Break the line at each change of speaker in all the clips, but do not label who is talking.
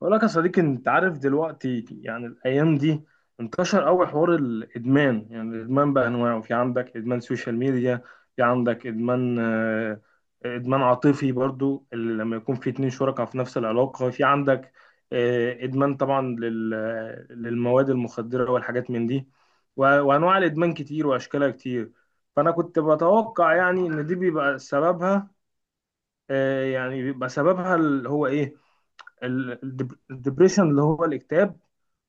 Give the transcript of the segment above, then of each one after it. بقول لك يا صديقي، انت عارف دلوقتي يعني الايام دي انتشر قوي حوار الادمان. يعني الادمان بانواعه، في عندك ادمان سوشيال ميديا، في عندك ادمان ادمان عاطفي برضو اللي لما يكون في اتنين شركاء في نفس العلاقة، في عندك ادمان طبعا للمواد المخدرة والحاجات من دي. و- وانواع الادمان كتير واشكالها كتير. فانا كنت بتوقع يعني ان دي بيبقى سببها يعني بيبقى سببها اللي هو ايه، الدبريشن اللي هو الاكتئاب،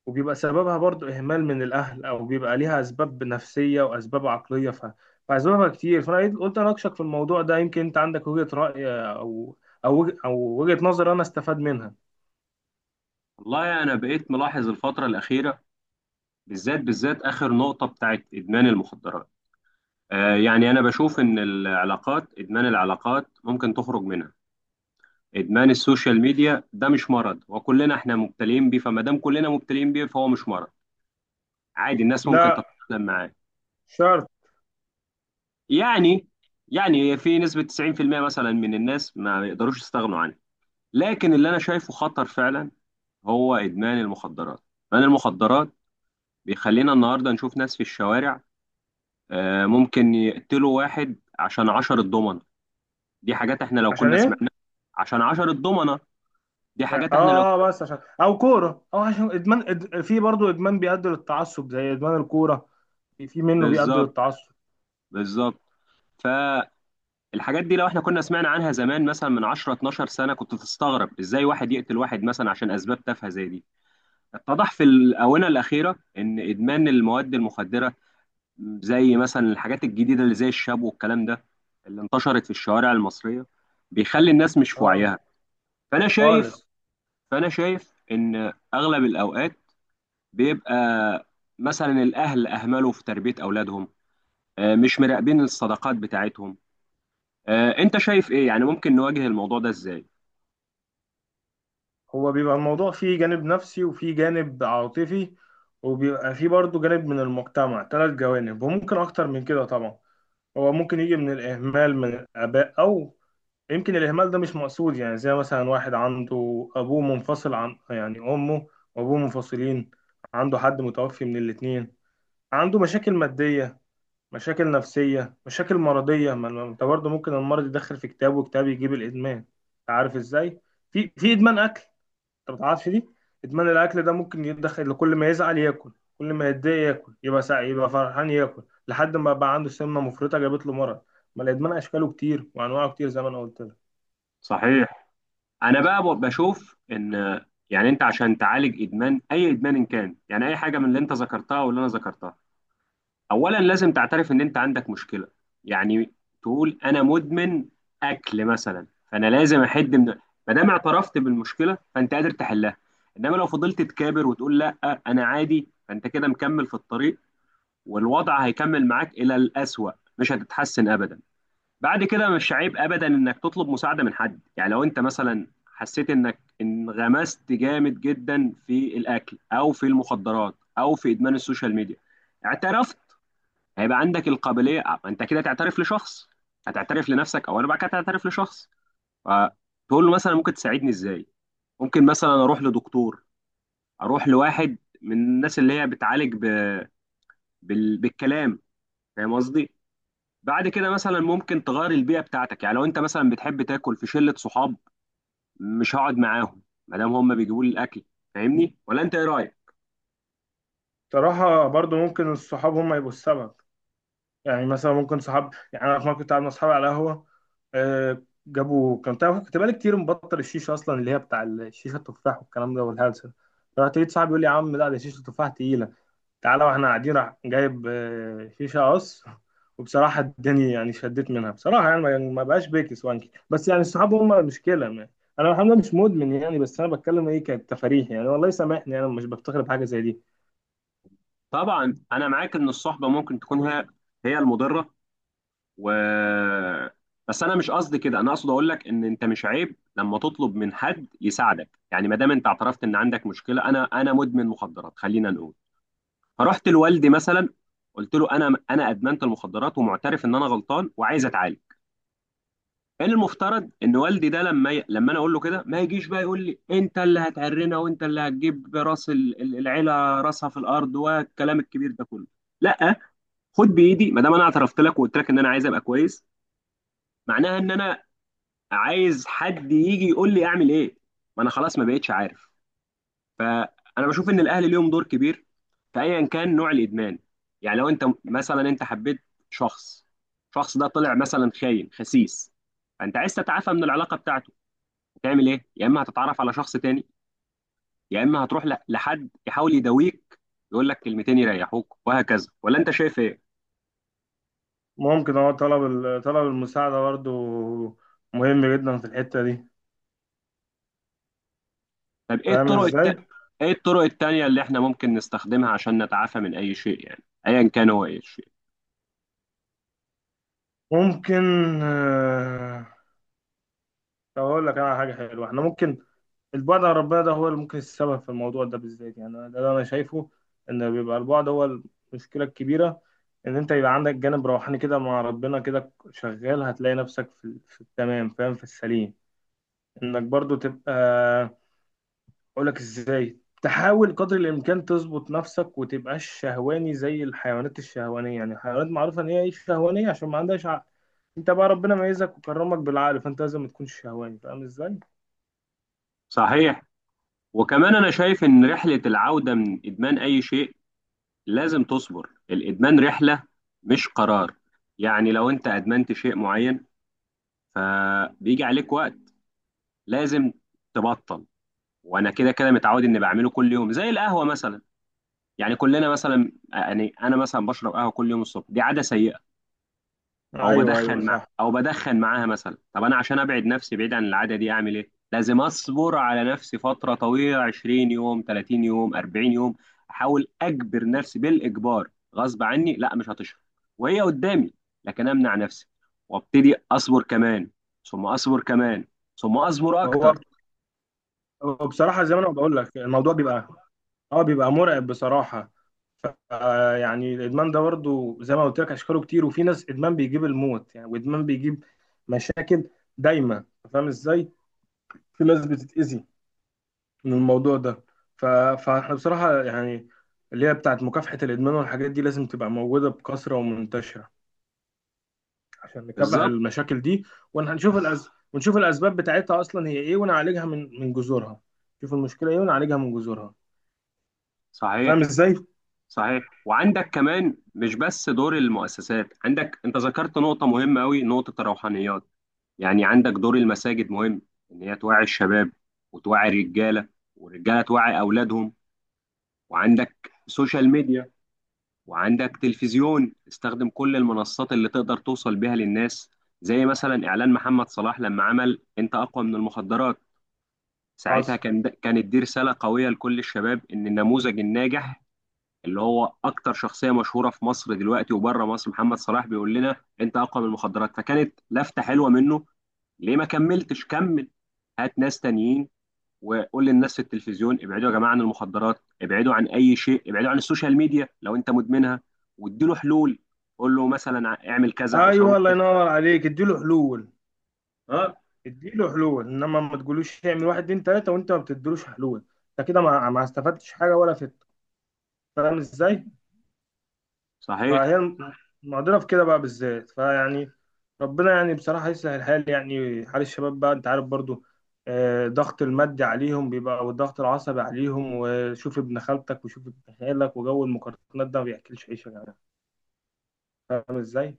وبيبقى سببها برضو إهمال من الأهل، أو بيبقى ليها أسباب نفسية وأسباب عقلية. فأسبابها كتير، فأنا قلت أناقشك في الموضوع ده يمكن أنت عندك وجهة رأي أو وجهة نظر أنا أستفاد منها.
والله أنا بقيت ملاحظ الفترة الأخيرة. بالذات آخر نقطة بتاعت إدمان المخدرات. آه، يعني أنا بشوف إن العلاقات، إدمان العلاقات ممكن تخرج منها. إدمان السوشيال ميديا ده مش مرض، وكلنا إحنا مبتلين بيه، فما دام كلنا مبتلين بيه فهو مش مرض عادي، الناس ممكن
لا،
تتأقلم معاه.
شرط.
يعني يعني في نسبة 90% مثلا من الناس ما يقدروش يستغنوا عنه. لكن اللي أنا شايفه خطر فعلا هو إدمان المخدرات. إدمان المخدرات بيخلينا النهارده نشوف ناس في الشوارع، آه، ممكن يقتلوا واحد عشان عشرة ضمنة. دي حاجات احنا لو
عشان
كنا سمعناها.
إيه؟
عشان عشرة ضمنة، دي
يعني
حاجات
آه.
احنا لو.
بس عشان أو كورة أو عشان في برضو إدمان بيؤدي للتعصب زي إدمان الكورة. في منه بيؤدي
بالظبط،
للتعصب.
بالظبط. فالحاجات دي لو احنا كنا سمعنا عنها زمان مثلا من 10 12 سنة، كنت تستغرب ازاي واحد يقتل واحد مثلا عشان اسباب تافهة زي دي. اتضح في الآونة الأخيرة ان ادمان المواد المخدرة، زي مثلا الحاجات الجديدة اللي زي الشاب والكلام ده اللي انتشرت في الشوارع المصرية، بيخلي الناس مش في
آه،
وعيها. فانا شايف
خالص.
فانا شايف ان اغلب الاوقات بيبقى مثلا الاهل اهملوا في تربيه اولادهم. آه، مش مراقبين الصداقات بتاعتهم. آه، انت شايف ايه يعني ممكن نواجه الموضوع ده ازاي؟
هو بيبقى الموضوع فيه جانب نفسي وفيه جانب عاطفي، وبيبقى فيه برضه جانب من المجتمع، ثلاث جوانب وممكن أكتر من كده طبعا. هو ممكن يجي من الإهمال من الآباء، أو يمكن الإهمال ده مش مقصود. يعني زي مثلا واحد عنده أبوه منفصل عن يعني أمه، وأبوه منفصلين، عنده حد متوفي من الاتنين، عنده مشاكل مادية، مشاكل نفسية، مشاكل مرضية. ما أنت برضه ممكن المرض يدخل في كتاب، وكتاب يجيب الإدمان. أنت عارف إزاي؟ في إدمان أكل، انت ما تعرفش دي. ادمان الاكل ده ممكن يدخل، كل ما يزعل ياكل، كل ما يتضايق ياكل، يبقى يبقى فرحان ياكل، لحد ما بقى عنده سمنه مفرطه جابت له مرض. ما الادمان اشكاله كتير وانواعه كتير زي ما انا قلت لك.
صحيح. انا بقى بشوف ان آه، يعني انت عشان تعالج ادمان، اي ادمان إن كان، يعني اي حاجه من اللي انت ذكرتها واللي انا ذكرتها، اولا لازم تعترف ان انت عندك مشكله. يعني تقول انا مدمن اكل مثلا، فانا لازم احد من، ما دام اعترفت بالمشكله فانت قادر تحلها. انما لو فضلت تكابر وتقول لا انا عادي، فانت كده مكمل في الطريق، والوضع هيكمل معاك الى الاسوأ، مش هتتحسن ابدا. بعد كده مش عيب ابدا انك تطلب مساعده من حد. يعني لو انت مثلا حسيت انك انغمست جامد جدا في الاكل او في المخدرات او في ادمان السوشيال ميديا، اعترفت، هيبقى عندك القابليه آه، انت كده تعترف لشخص. هتعترف لنفسك او انا بعد كده هتعترف لشخص، فتقول له مثلا ممكن تساعدني ازاي. ممكن مثلا اروح لدكتور، اروح لواحد من الناس اللي هي بتعالج بالكلام. فاهم قصدي؟ بعد كده مثلا ممكن تغير البيئه بتاعتك. يعني لو انت مثلا بتحب تاكل في شله صحاب، مش هقعد معاهم ما دام هم بيجيبوا لي الاكل. فاهمني ولا انت ايه رايك؟
بصراحه برضو ممكن الصحاب هم يبقوا السبب. يعني مثلا ممكن صحاب، يعني انا في مره كنت قاعد مع اصحابي على قهوه، جابوا، كان تعرف كنت بقالي كتير مبطل الشيشه اصلا، اللي هي بتاع الشيشه التفاح والكلام ده والهلسه، فرحت لقيت صاحبي يقول لي يا عم لا، ده شيشه التفاح تقيله، تعالى. واحنا قاعدين راح جايب شيشه قص، وبصراحه اداني يعني شديت منها. بصراحه يعني ما بقاش بيكس وانكي، بس يعني الصحاب هم المشكله ما. انا الحمد لله مش مدمن يعني، بس انا بتكلم ايه، كانت تفاريح يعني. والله سامحني، انا مش بفتخر بحاجه زي دي.
طبعا انا معاك ان الصحبه ممكن تكون هي المضره. و بس انا مش قصدي كده، انا اقصد اقول لك ان انت مش عيب لما تطلب من حد يساعدك. يعني ما دام انت اعترفت ان عندك مشكله، انا مدمن مخدرات خلينا نقول، فرحت لوالدي مثلا، قلت له انا ادمنت المخدرات ومعترف ان انا غلطان وعايز اتعالج. كان المفترض ان والدي ده لما لما انا اقول له كده ما يجيش بقى يقول لي انت اللي هتعرنا وانت اللي هتجيب راس العيله راسها في الارض والكلام الكبير ده كله. لا، خد بايدي ما دام انا اعترفت لك وقلت لك ان انا عايز ابقى كويس، معناها ان انا عايز حد يجي يقول لي اعمل ايه، ما انا خلاص ما بقتش عارف. فانا بشوف ان الاهل ليهم دور كبير في ايا كان نوع الادمان. يعني لو انت مثلا انت حبيت شخص، الشخص ده طلع مثلا خاين خسيس، فانت عايز تتعافى من العلاقه بتاعته، هتعمل ايه؟ يا اما هتتعرف على شخص تاني، يا اما هتروح لحد يحاول يداويك، يقول لك كلمتين يريحوك وهكذا. ولا انت شايف ايه؟
ممكن هو طلب طلب المساعده برضو مهم جدا في الحته دي.
طب ايه
فاهم ازاي؟
ايه الطرق التانية اللي احنا ممكن نستخدمها عشان نتعافى من اي شيء؟ يعني ايا كان هو اي شيء.
ممكن آه. طب اقول لك انا على حاجه حلوه احنا ممكن، البعد عن ربنا ده هو اللي ممكن السبب في الموضوع ده بالذات. يعني ده اللي انا شايفه، ان بيبقى البعد هو المشكله الكبيره. ان انت يبقى عندك جانب روحاني كده مع ربنا كده شغال، هتلاقي نفسك في التمام، فاهم، في السليم. انك برضو تبقى، اقول لك ازاي، تحاول قدر الامكان تظبط نفسك وتبقاش شهواني زي الحيوانات الشهوانيه. يعني الحيوانات معروفه ان هي إيه، شهوانيه عشان ما عندهاش عقل. انت بقى ربنا ميزك وكرمك بالعقل، فانت لازم ما تكونش شهواني. فاهم ازاي؟
صحيح. وكمان أنا شايف إن رحلة العودة من إدمان أي شيء لازم تصبر. الإدمان رحلة مش قرار. يعني لو أنت أدمنت شيء معين فبيجي عليك وقت لازم تبطل. وأنا كده كده متعود إني بعمله كل يوم، زي القهوة مثلا. يعني كلنا مثلا، يعني أنا مثلا بشرب قهوة كل يوم الصبح، دي عادة سيئة.
ايوه ايوه صح.
او بدخن معاها مثلا. طب انا عشان ابعد نفسي بعيد عن العاده دي اعمل ايه؟ لازم اصبر على نفسي فتره طويله، 20 يوم، 30 يوم، 40 يوم. احاول اجبر نفسي بالاجبار، غصب عني، لا مش هتشرب وهي قدامي، لكن امنع نفسي وابتدي اصبر كمان، ثم اصبر كمان، ثم اصبر
هو
اكتر.
وبصراحة زي ما انا بقول لك الموضوع بيبقى اه، بيبقى مرعب بصراحة. ف آه، يعني الادمان ده برضه زي ما قلت لك اشكاله كتير، وفي ناس ادمان بيجيب الموت يعني، وادمان بيجيب مشاكل دايما. فاهم ازاي؟ في ناس بتتأذي من الموضوع ده. ف... فاحنا بصراحة يعني اللي هي بتاعت مكافحة الادمان والحاجات دي لازم تبقى موجودة بكثرة ومنتشرة عشان نكافح
بالظبط.
المشاكل دي، ونشوف ونشوف الاسباب بتاعتها اصلا هي ايه، ونعالجها من جذورها. نشوف المشكلة ايه ونعالجها من جذورها. فاهم
صحيح،
ازاي؟
صحيح. وعندك كمان مش بس دور المؤسسات، عندك انت ذكرت نقطه مهمه قوي، نقطه الروحانيات. يعني عندك دور المساجد مهم، ان هي توعي الشباب، وتوعي الرجاله، والرجاله توعي اولادهم. وعندك سوشيال ميديا، وعندك تلفزيون. استخدم كل المنصات اللي تقدر توصل بيها للناس. زي مثلا اعلان محمد صلاح لما عمل انت اقوى من المخدرات، ساعتها
حصل.
كان ده كانت دي رساله قويه لكل الشباب ان النموذج الناجح اللي هو اكتر شخصيه مشهوره في مصر دلوقتي وبره مصر، محمد صلاح، بيقول لنا انت اقوى من المخدرات، فكانت لفته حلوه منه. ليه ما كملتش؟ كمل، هات ناس تانيين، وقول للناس في التلفزيون ابعدوا يا جماعه عن المخدرات، ابعدوا عن اي شيء، ابعدوا عن السوشيال ميديا لو انت مدمنها. واديله حلول، قول له مثلا اعمل كذا او سوي
ايوه، الله
كذا.
ينور عليك، اديله حلول.
اه.
اديله حلول، انما ما تقولوش اعمل واحد اتنين تلاته وانت ما بتديلوش حلول. انت كده ما استفدتش حاجه ولا فت. فاهم ازاي؟ فهي
صحيح.
الم- المعضله في كده بقى بالذات. فيعني ربنا يعني بصراحه يسهل الحال، يعني حال الشباب بقى، انت عارف برضو ضغط المادي عليهم بيبقى، والضغط العصبي عليهم، وشوف ابن خالتك وشوف ابن خالك، وجو المقارنات ده ما بياكلش عيش يا جماعه. فاهم ازاي؟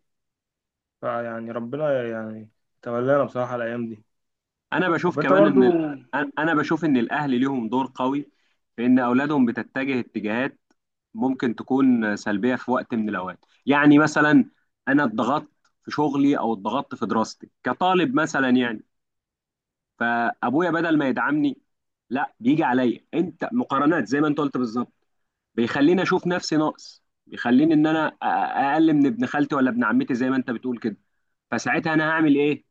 فيعني ربنا يعني تولانا بصراحه الايام دي.
انا بشوف
طب انت
كمان ان
برضو آه،
انا بشوف ان الاهل ليهم دور قوي في ان اولادهم بتتجه اتجاهات ممكن تكون سلبيه في وقت من الاوقات. يعني مثلا انا اتضغطت في شغلي او اتضغطت في دراستي كطالب مثلا، يعني فابويا بدل ما يدعمني، لا بيجي عليا انت مقارنات زي ما انت قلت بالظبط، بيخليني اشوف نفسي ناقص، بيخليني ان انا اقل من ابن خالتي ولا ابن عمتي زي ما انت بتقول كده. فساعتها انا هعمل ايه؟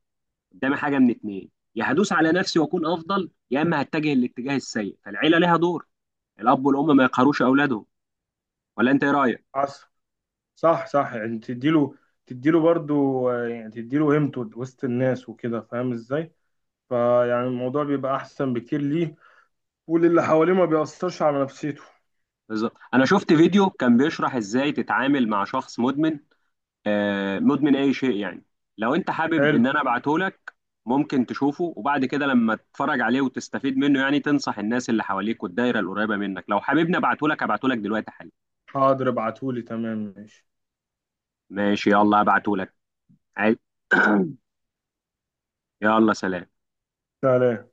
قدامي حاجه من اتنين، يا هدوس على نفسي واكون افضل، يا اما هتجه الاتجاه السيء. فالعيله ليها دور، الاب والام ما يقهروش اولادهم. ولا انت ايه رايك؟
عصر. صح صح، يعني تديله، تديله برضو يعني تديله قيمته وسط الناس وكده. فاهم ازاي؟ فيعني الموضوع بيبقى احسن بكتير ليه وللي حواليه، ما بيأثرش على نفسيته.
بالظبط. انا شفت فيديو كان بيشرح ازاي تتعامل مع شخص مدمن، آه، مدمن اي شيء يعني. لو انت حابب
حلو.
ان انا ابعته لك، ممكن تشوفه، وبعد كده لما تتفرج عليه وتستفيد منه، يعني تنصح الناس اللي حواليك والدايره القريبه منك. لو حاببني ابعته لك، ابعته لك دلوقتي حالا.
حاضر، ابعتهولي، تمام، ماشي.
ماشي، يلا ابعته لك. عايز-، يلا سلام.
سلام.